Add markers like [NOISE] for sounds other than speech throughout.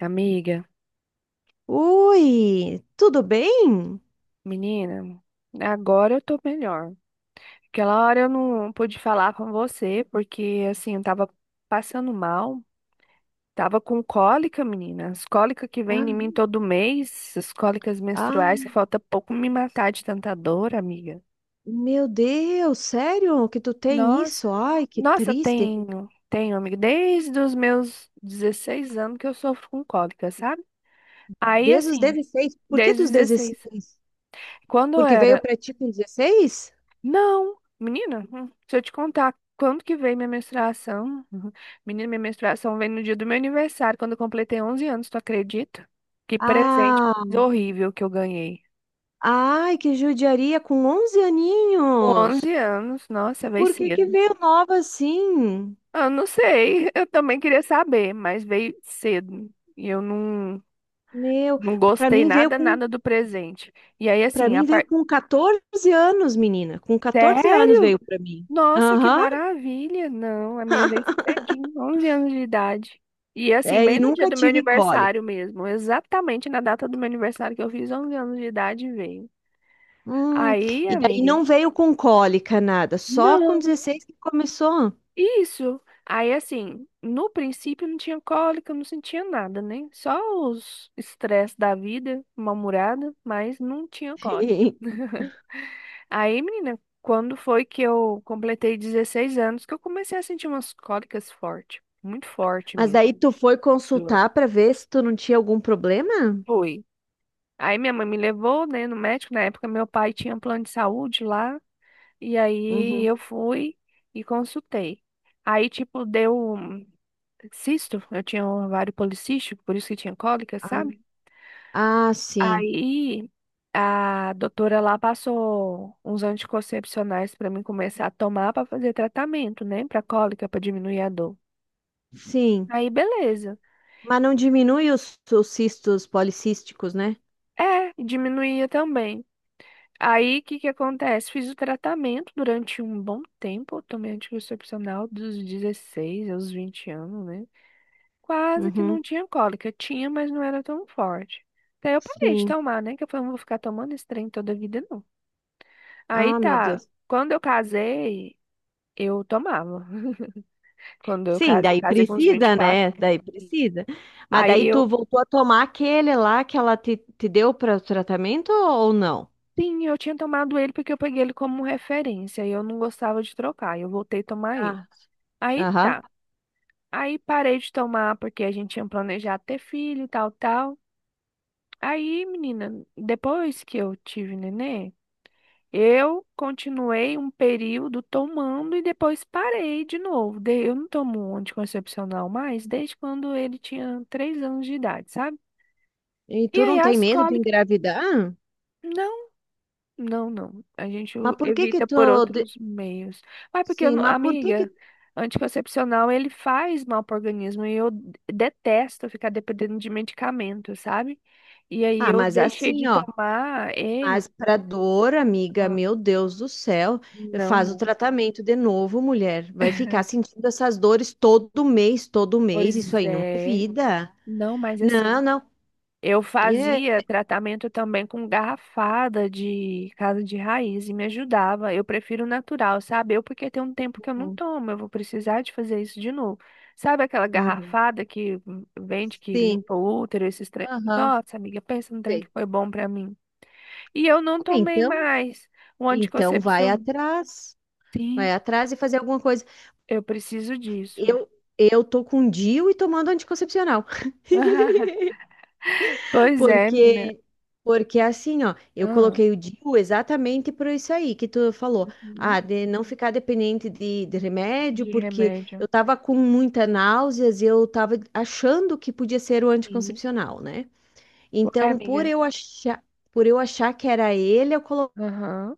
Amiga, Oi, tudo bem? menina, agora eu tô melhor. Aquela hora eu não pude falar com você, porque assim, eu tava passando mal, tava com cólica, menina. As cólicas que Ah, vem em mim todo mês, as cólicas Ah, menstruais, que falta pouco me matar de tanta dor, amiga. meu Deus, sério que tu tem Nossa, isso? Ai, que nossa, triste. tenho, tenho, amiga, desde os meus 16 anos que eu sofro com cólica, sabe? Aí, Desde os assim, 16? Por que desde os dos 16. 16? Quando eu Porque veio era. pra ti com 16? Não, menina, se eu te contar quando que veio minha menstruação, uhum. Menina, minha menstruação veio no dia do meu aniversário, quando eu completei 11 anos, tu acredita? Que presente Ah, horrível que eu ganhei. ai, que judiaria com 11 Com aninhos. 11 anos, nossa, veio Por que que cedo. veio nova assim? Eu não sei, eu também queria saber, mas veio cedo. E eu não, Meu, não pra gostei mim veio nada, com, nada do presente. E aí, para assim, a mim veio parte. com 14 anos, menina. Com 14 anos Sério? veio pra mim. Nossa, que Aham. maravilha! Não, a minha vez [LAUGHS] cedinho, 11 anos de idade. E assim, É, e bem no dia nunca do meu tive cólica. aniversário mesmo, exatamente na data do meu aniversário que eu fiz 11 anos de idade veio. Hum, Aí, e daí amiga, não veio com cólica, nada, só com não, 16 que começou. isso. Aí assim, no princípio não tinha cólica, não sentia nada, né? Só os estresse da vida, uma murada, mas não tinha cólica. [LAUGHS] [LAUGHS] Aí, menina, quando foi que eu completei 16 anos que eu comecei a sentir umas cólicas fortes, muito forte Mas mesmo. daí tu foi Dor. consultar para ver se tu não tinha algum problema? Foi. Aí minha mãe me levou, né, no médico. Na época meu pai tinha um plano de saúde lá, e aí Uhum. eu fui e consultei. Aí, tipo, deu um cisto, eu tinha um ovário policístico, por isso que tinha cólica, Ah, sabe? ah, sim, Aí a doutora lá passou uns anticoncepcionais pra mim começar a tomar pra fazer tratamento, né? Pra cólica, pra diminuir a dor. sim. Aí beleza. Mas não diminui os cistos policísticos, né? É, diminuía também. Aí o que que acontece? Fiz o tratamento durante um bom tempo, eu tomei anticoncepcional dos 16 aos 20 anos, né? Quase que Uhum. não tinha cólica, tinha, mas não era tão forte. Daí eu parei de Sim. tomar, né? Que eu falei, não vou ficar tomando esse trem toda a vida, não. Aí Ah, meu tá. Deus. Quando eu casei, Eu tomava. Quando eu Sim, casei, daí casei com uns vinte e precisa, quatro, né? Daí precisa. Mas Aí daí eu, tu voltou a tomar aquele lá que ela te deu para o tratamento ou não? sim, eu tinha tomado ele porque eu peguei ele como referência e eu não gostava de trocar. E eu voltei a tomar ele. Ah, Aí aham. tá. Aí parei de tomar porque a gente tinha planejado ter filho, tal, tal. Aí, menina, depois que eu tive nenê, eu continuei um período tomando e depois parei de novo. Eu não tomo anticoncepcional mais desde quando ele tinha 3 anos de idade, sabe? E E tu aí não tem as medo de cólicas. engravidar? Não. Não, não. A gente Mas por que que evita tu... por outros meios. Mas porque, eu Sim, não- mas por que que... amiga, anticoncepcional ele faz mal para o organismo e eu detesto ficar dependendo de medicamento, sabe? E aí Ah, eu mas deixei assim, de ó. tomar ele. Mas pra dor, amiga, Ah. meu Deus do céu, Não, faz o não. tratamento de novo, mulher. Vai ficar sentindo essas dores todo mês, todo mês. Isso Pois aí não é é. vida. Não, mas assim. Não, não. Eu É. fazia tratamento também com garrafada de casa de raiz e me ajudava. Eu prefiro natural, sabe? Eu porque tem um tempo que eu não Uhum. tomo, eu vou precisar de fazer isso de novo. Sabe aquela Uhum. garrafada que vende, que Sim. limpa o útero, esses trem? Aham. Nossa, amiga, pensa num trem que Sei. foi bom pra mim. E eu não Ah, tomei então, mais o então vai anticoncepcional. atrás. Sim, Vai atrás e fazer alguma coisa. eu preciso disso. Eu, eu tô com DIU e tomando anticoncepcional. [LAUGHS] [LAUGHS] Pois é, menina. Porque, porque é assim, ó, eu Ah, coloquei o DIU exatamente por isso aí que tu falou. uhum, Ah, de não ficar dependente de remédio, de porque remédio. eu tava com muita náuseas e eu tava achando que podia ser o Sim. anticoncepcional, né? Ué, Então, amiga. Por eu achar que era ele, eu coloquei. Aham.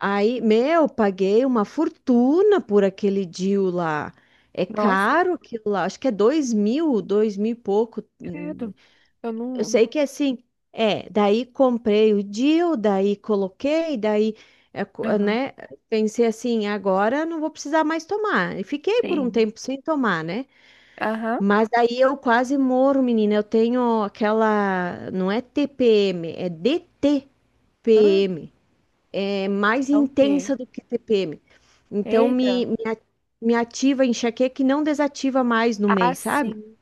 Aí, meu, paguei uma fortuna por aquele DIU lá. É Nossa, caro aquilo lá, acho que é dois mil, dois mil e pouco. hum, credo. Eu eu não. sei que assim, é, daí comprei o deal, daí coloquei, daí, Aham, né, pensei assim, agora não vou precisar mais tomar. E fiquei por um tem. tempo sem tomar, né? Aham. Mas daí eu quase morro, menina. Eu tenho aquela, não é TPM, é DTPM. Hã? É mais É o quê? intensa do que TPM. Então Eita. Me ativa a enxaqueca que não desativa mais no Ah, mês, sabe? sim.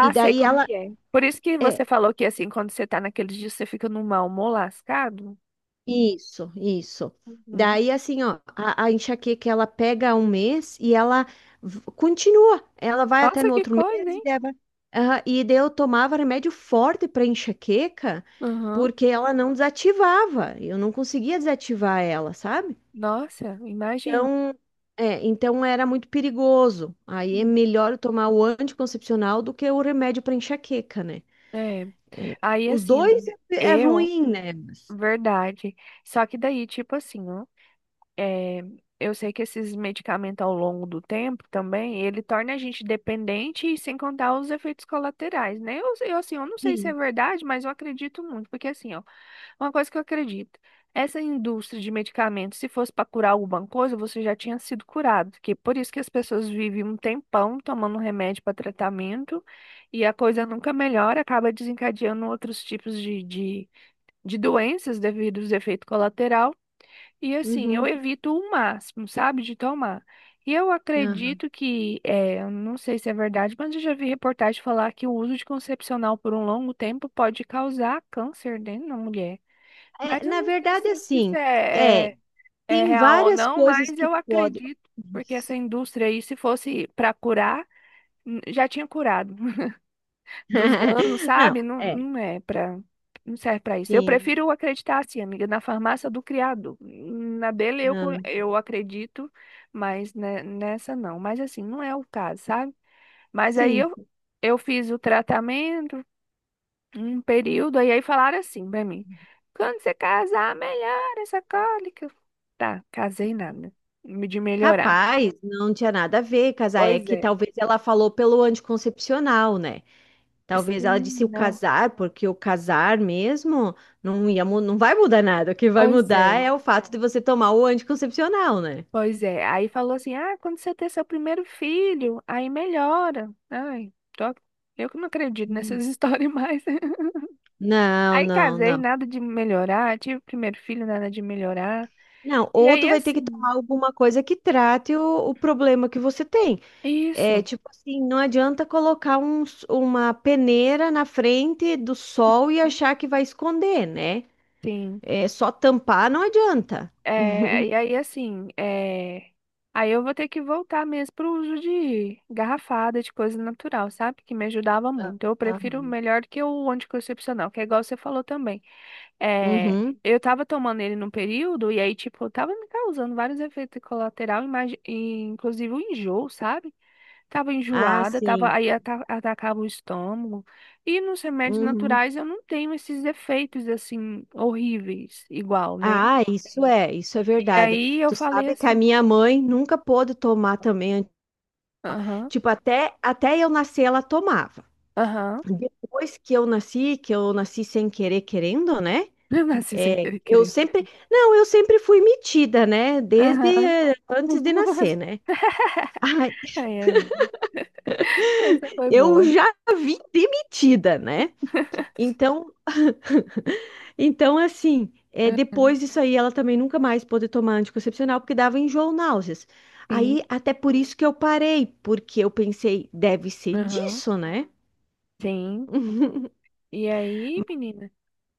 E sei daí como ela. que é. Por isso que É, você falou que assim, quando você tá naqueles dias, você fica num mau humor lascado. isso, isso. Uhum. Daí, assim, ó, a enxaqueca ela pega um mês e ela continua. Ela vai até Nossa, no que outro mês coisa, e hein? leva. Aham, e daí eu tomava remédio forte para enxaqueca Uhum. porque ela não desativava. Eu não conseguia desativar ela, sabe? Nossa, imagino. Então, então era muito perigoso. Aí é Uhum. melhor eu tomar o anticoncepcional do que o remédio para enxaqueca, né? É. Aí Os assim, dois amiga, é eu, ruim, né? Verdade. Só que daí, tipo assim, ó. É, eu sei que esses medicamentos ao longo do tempo também, ele torna a gente dependente e sem contar os efeitos colaterais, né? Eu, assim, eu não sei se é Sim. verdade, mas eu acredito muito, porque assim, ó, uma coisa que eu acredito, essa indústria de medicamentos, se fosse para curar alguma coisa, você já tinha sido curado, que por isso que as pessoas vivem um tempão tomando remédio para tratamento e a coisa nunca melhora, acaba desencadeando outros tipos de doenças devido aos efeitos colaterais. E assim, eu Uhum. evito o máximo, sabe, de tomar. E eu Ah. acredito que, eu não sei se é verdade, mas eu já vi reportagem falar que o uso de concepcional por um longo tempo pode causar câncer dentro da mulher. Mas É, eu na não sei verdade, se isso assim, é, é tem real ou várias não, coisas mas que eu podem. acredito, porque essa Isso. indústria aí, se fosse para curar, já tinha curado dos anos, [LAUGHS] Não, sabe? Não, é, não é para, não serve para isso. Eu sim, prefiro acreditar assim, amiga, na farmácia do criado. Na dele eu, ah, eu acredito, mas nessa não. Mas assim, não é o caso, sabe? Mas aí sim, eu fiz o tratamento, um período, e aí falaram assim pra mim: quando você casar, melhora essa cólica. Tá, casei nada, de melhorar. capaz, não tinha nada a ver, casar é Pois que é. talvez ela falou pelo anticoncepcional, né? Talvez ela Sim, disse o não. casar, porque o casar mesmo não ia, não vai mudar nada. O que vai Pois mudar é. é o fato de você tomar o anticoncepcional, né? Pois é, aí falou assim, ah, quando você ter seu primeiro filho, aí melhora. Ai, eu que não acredito Hum. nessas [LAUGHS] histórias mais. Não, Aí não, casei, não. nada de melhorar, tive primeiro filho, nada de melhorar. Não, E ou aí tu vai ter que assim, tomar alguma coisa que trate o problema que você tem. É isso, tipo assim, não adianta colocar uma peneira na frente do sol e achar que vai esconder, né? sim. É só tampar, não adianta. É, e [LAUGHS] aí assim, aí eu vou ter que voltar mesmo pro uso de garrafada, de coisa natural, sabe? Que me ajudava muito. Eu prefiro Aham. melhor do que o anticoncepcional, que é igual você falou também. É, Uhum. eu tava tomando ele num período e aí, tipo, tava me causando vários efeitos colaterais, inclusive o enjoo, sabe? Tava Ah, enjoada, tava, sim. aí atacava o estômago. E nos remédios Uhum. naturais eu não tenho esses efeitos, assim, horríveis, igual, né? Ah, isso Sim. é, isso é E verdade. aí eu Tu falei sabe que a assim, minha mãe nunca pôde tomar também. aham, Tipo, até eu nascer, ela tomava. aham, Depois que eu nasci sem querer, querendo, né? [LAUGHS] eu nasci sem É, querer, querer. Não, eu sempre fui metida, né? Desde Aham. Antes de nascer, [LAUGHS] né? [LAUGHS] Ai, Ai, amiga, essa foi eu boa. já vim demitida, né? [LAUGHS] Então, então assim, Aham. depois disso aí, ela também nunca mais pôde tomar anticoncepcional porque dava enjoo, náuseas. Aí, Sim, até por isso que eu parei, porque eu pensei, deve ser aham, disso, né? sim. E aí, menina,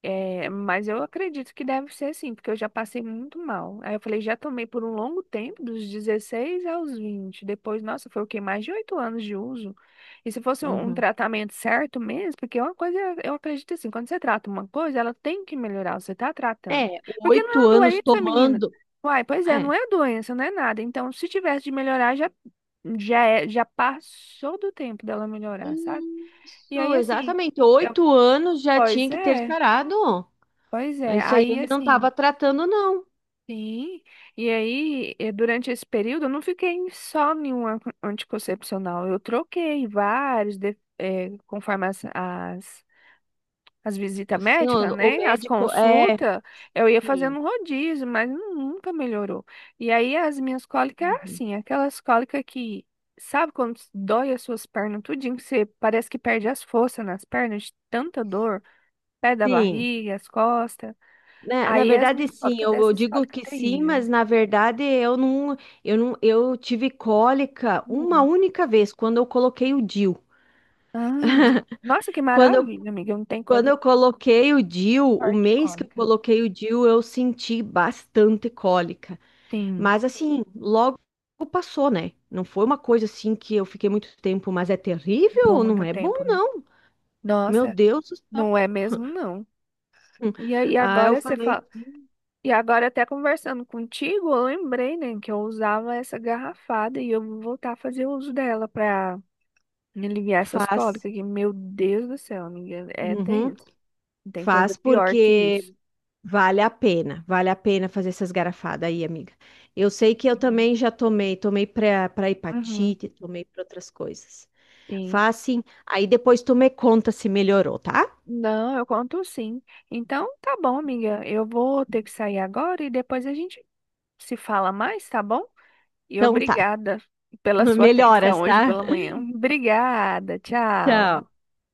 mas eu acredito que deve ser assim, porque eu já passei muito mal. Aí eu falei, já tomei por um longo tempo, dos 16 aos 20. Depois, nossa, foi o quê? Mais de 8 anos de uso. E se fosse um Uhum. tratamento certo mesmo, porque é uma coisa, eu acredito assim, quando você trata uma coisa, ela tem que melhorar, você tá É, tratando. Porque não é oito uma anos doença, menina. tomando. Uai, pois é, É. não é doença, não é nada. Então, se tivesse de melhorar, já passou do tempo dela melhorar, sabe? E Isso, aí, assim. exatamente. 8 anos já Pois tinha que ter é, sarado. pois é. Isso aí Aí ele não assim, estava tratando, não. sim. E aí, durante esse período, eu não fiquei só em um anticoncepcional. Eu troquei vários, conforme as visitas Assim, médicas, o né? As médico é. consultas, eu ia Sim. fazendo um rodízio, mas nunca melhorou. E aí, as minhas cólicas, era Uhum. assim, aquelas cólicas que, sabe quando dói as suas pernas tudinho, que você parece que perde as forças nas pernas de tanta dor, pé da Sim. barriga, as costas. Na, A na Yasmin verdade, sim, Histórica eu dessa digo Histórica que sim, Terrível. mas na verdade eu não, eu não, eu tive cólica uma Hum. única vez quando eu coloquei o DIU. Ah. Nossa, que Quando eu, maravilha, amiga. Não tem quando coisa eu coloquei o DIU, o pior que mês que eu cômica. coloquei o DIU, eu senti bastante cólica. Sim, Mas assim, logo passou, né? Não foi uma coisa assim que eu fiquei muito tempo, mas é durou terrível, não muito é bom, tempo, né? não. Meu Nossa, Deus do céu. não é mesmo, não. Hum. E aí Ah, eu agora você fala. falei sim. E agora até conversando contigo, eu lembrei, né, que eu usava essa garrafada e eu vou voltar a fazer uso dela pra me aliviar essas Faz. cólicas, que, meu Deus do céu, amiga, é Uhum. tenso. Não tem coisa Faz pior que porque isso. Vale a pena fazer essas garrafadas aí, amiga. Eu sei que eu também já tomei para Uhum, hepatite, tomei para outras coisas. sim. Faz sim. Aí depois tu me conta se melhorou, tá? Não, eu conto sim. Então, tá bom, amiga. Eu vou ter que sair agora e depois a gente se fala mais, tá bom? E Então tá. obrigada [LAUGHS] pela sua atenção Melhoras, hoje tá? pela manhã. Obrigada, tchau. Tchau.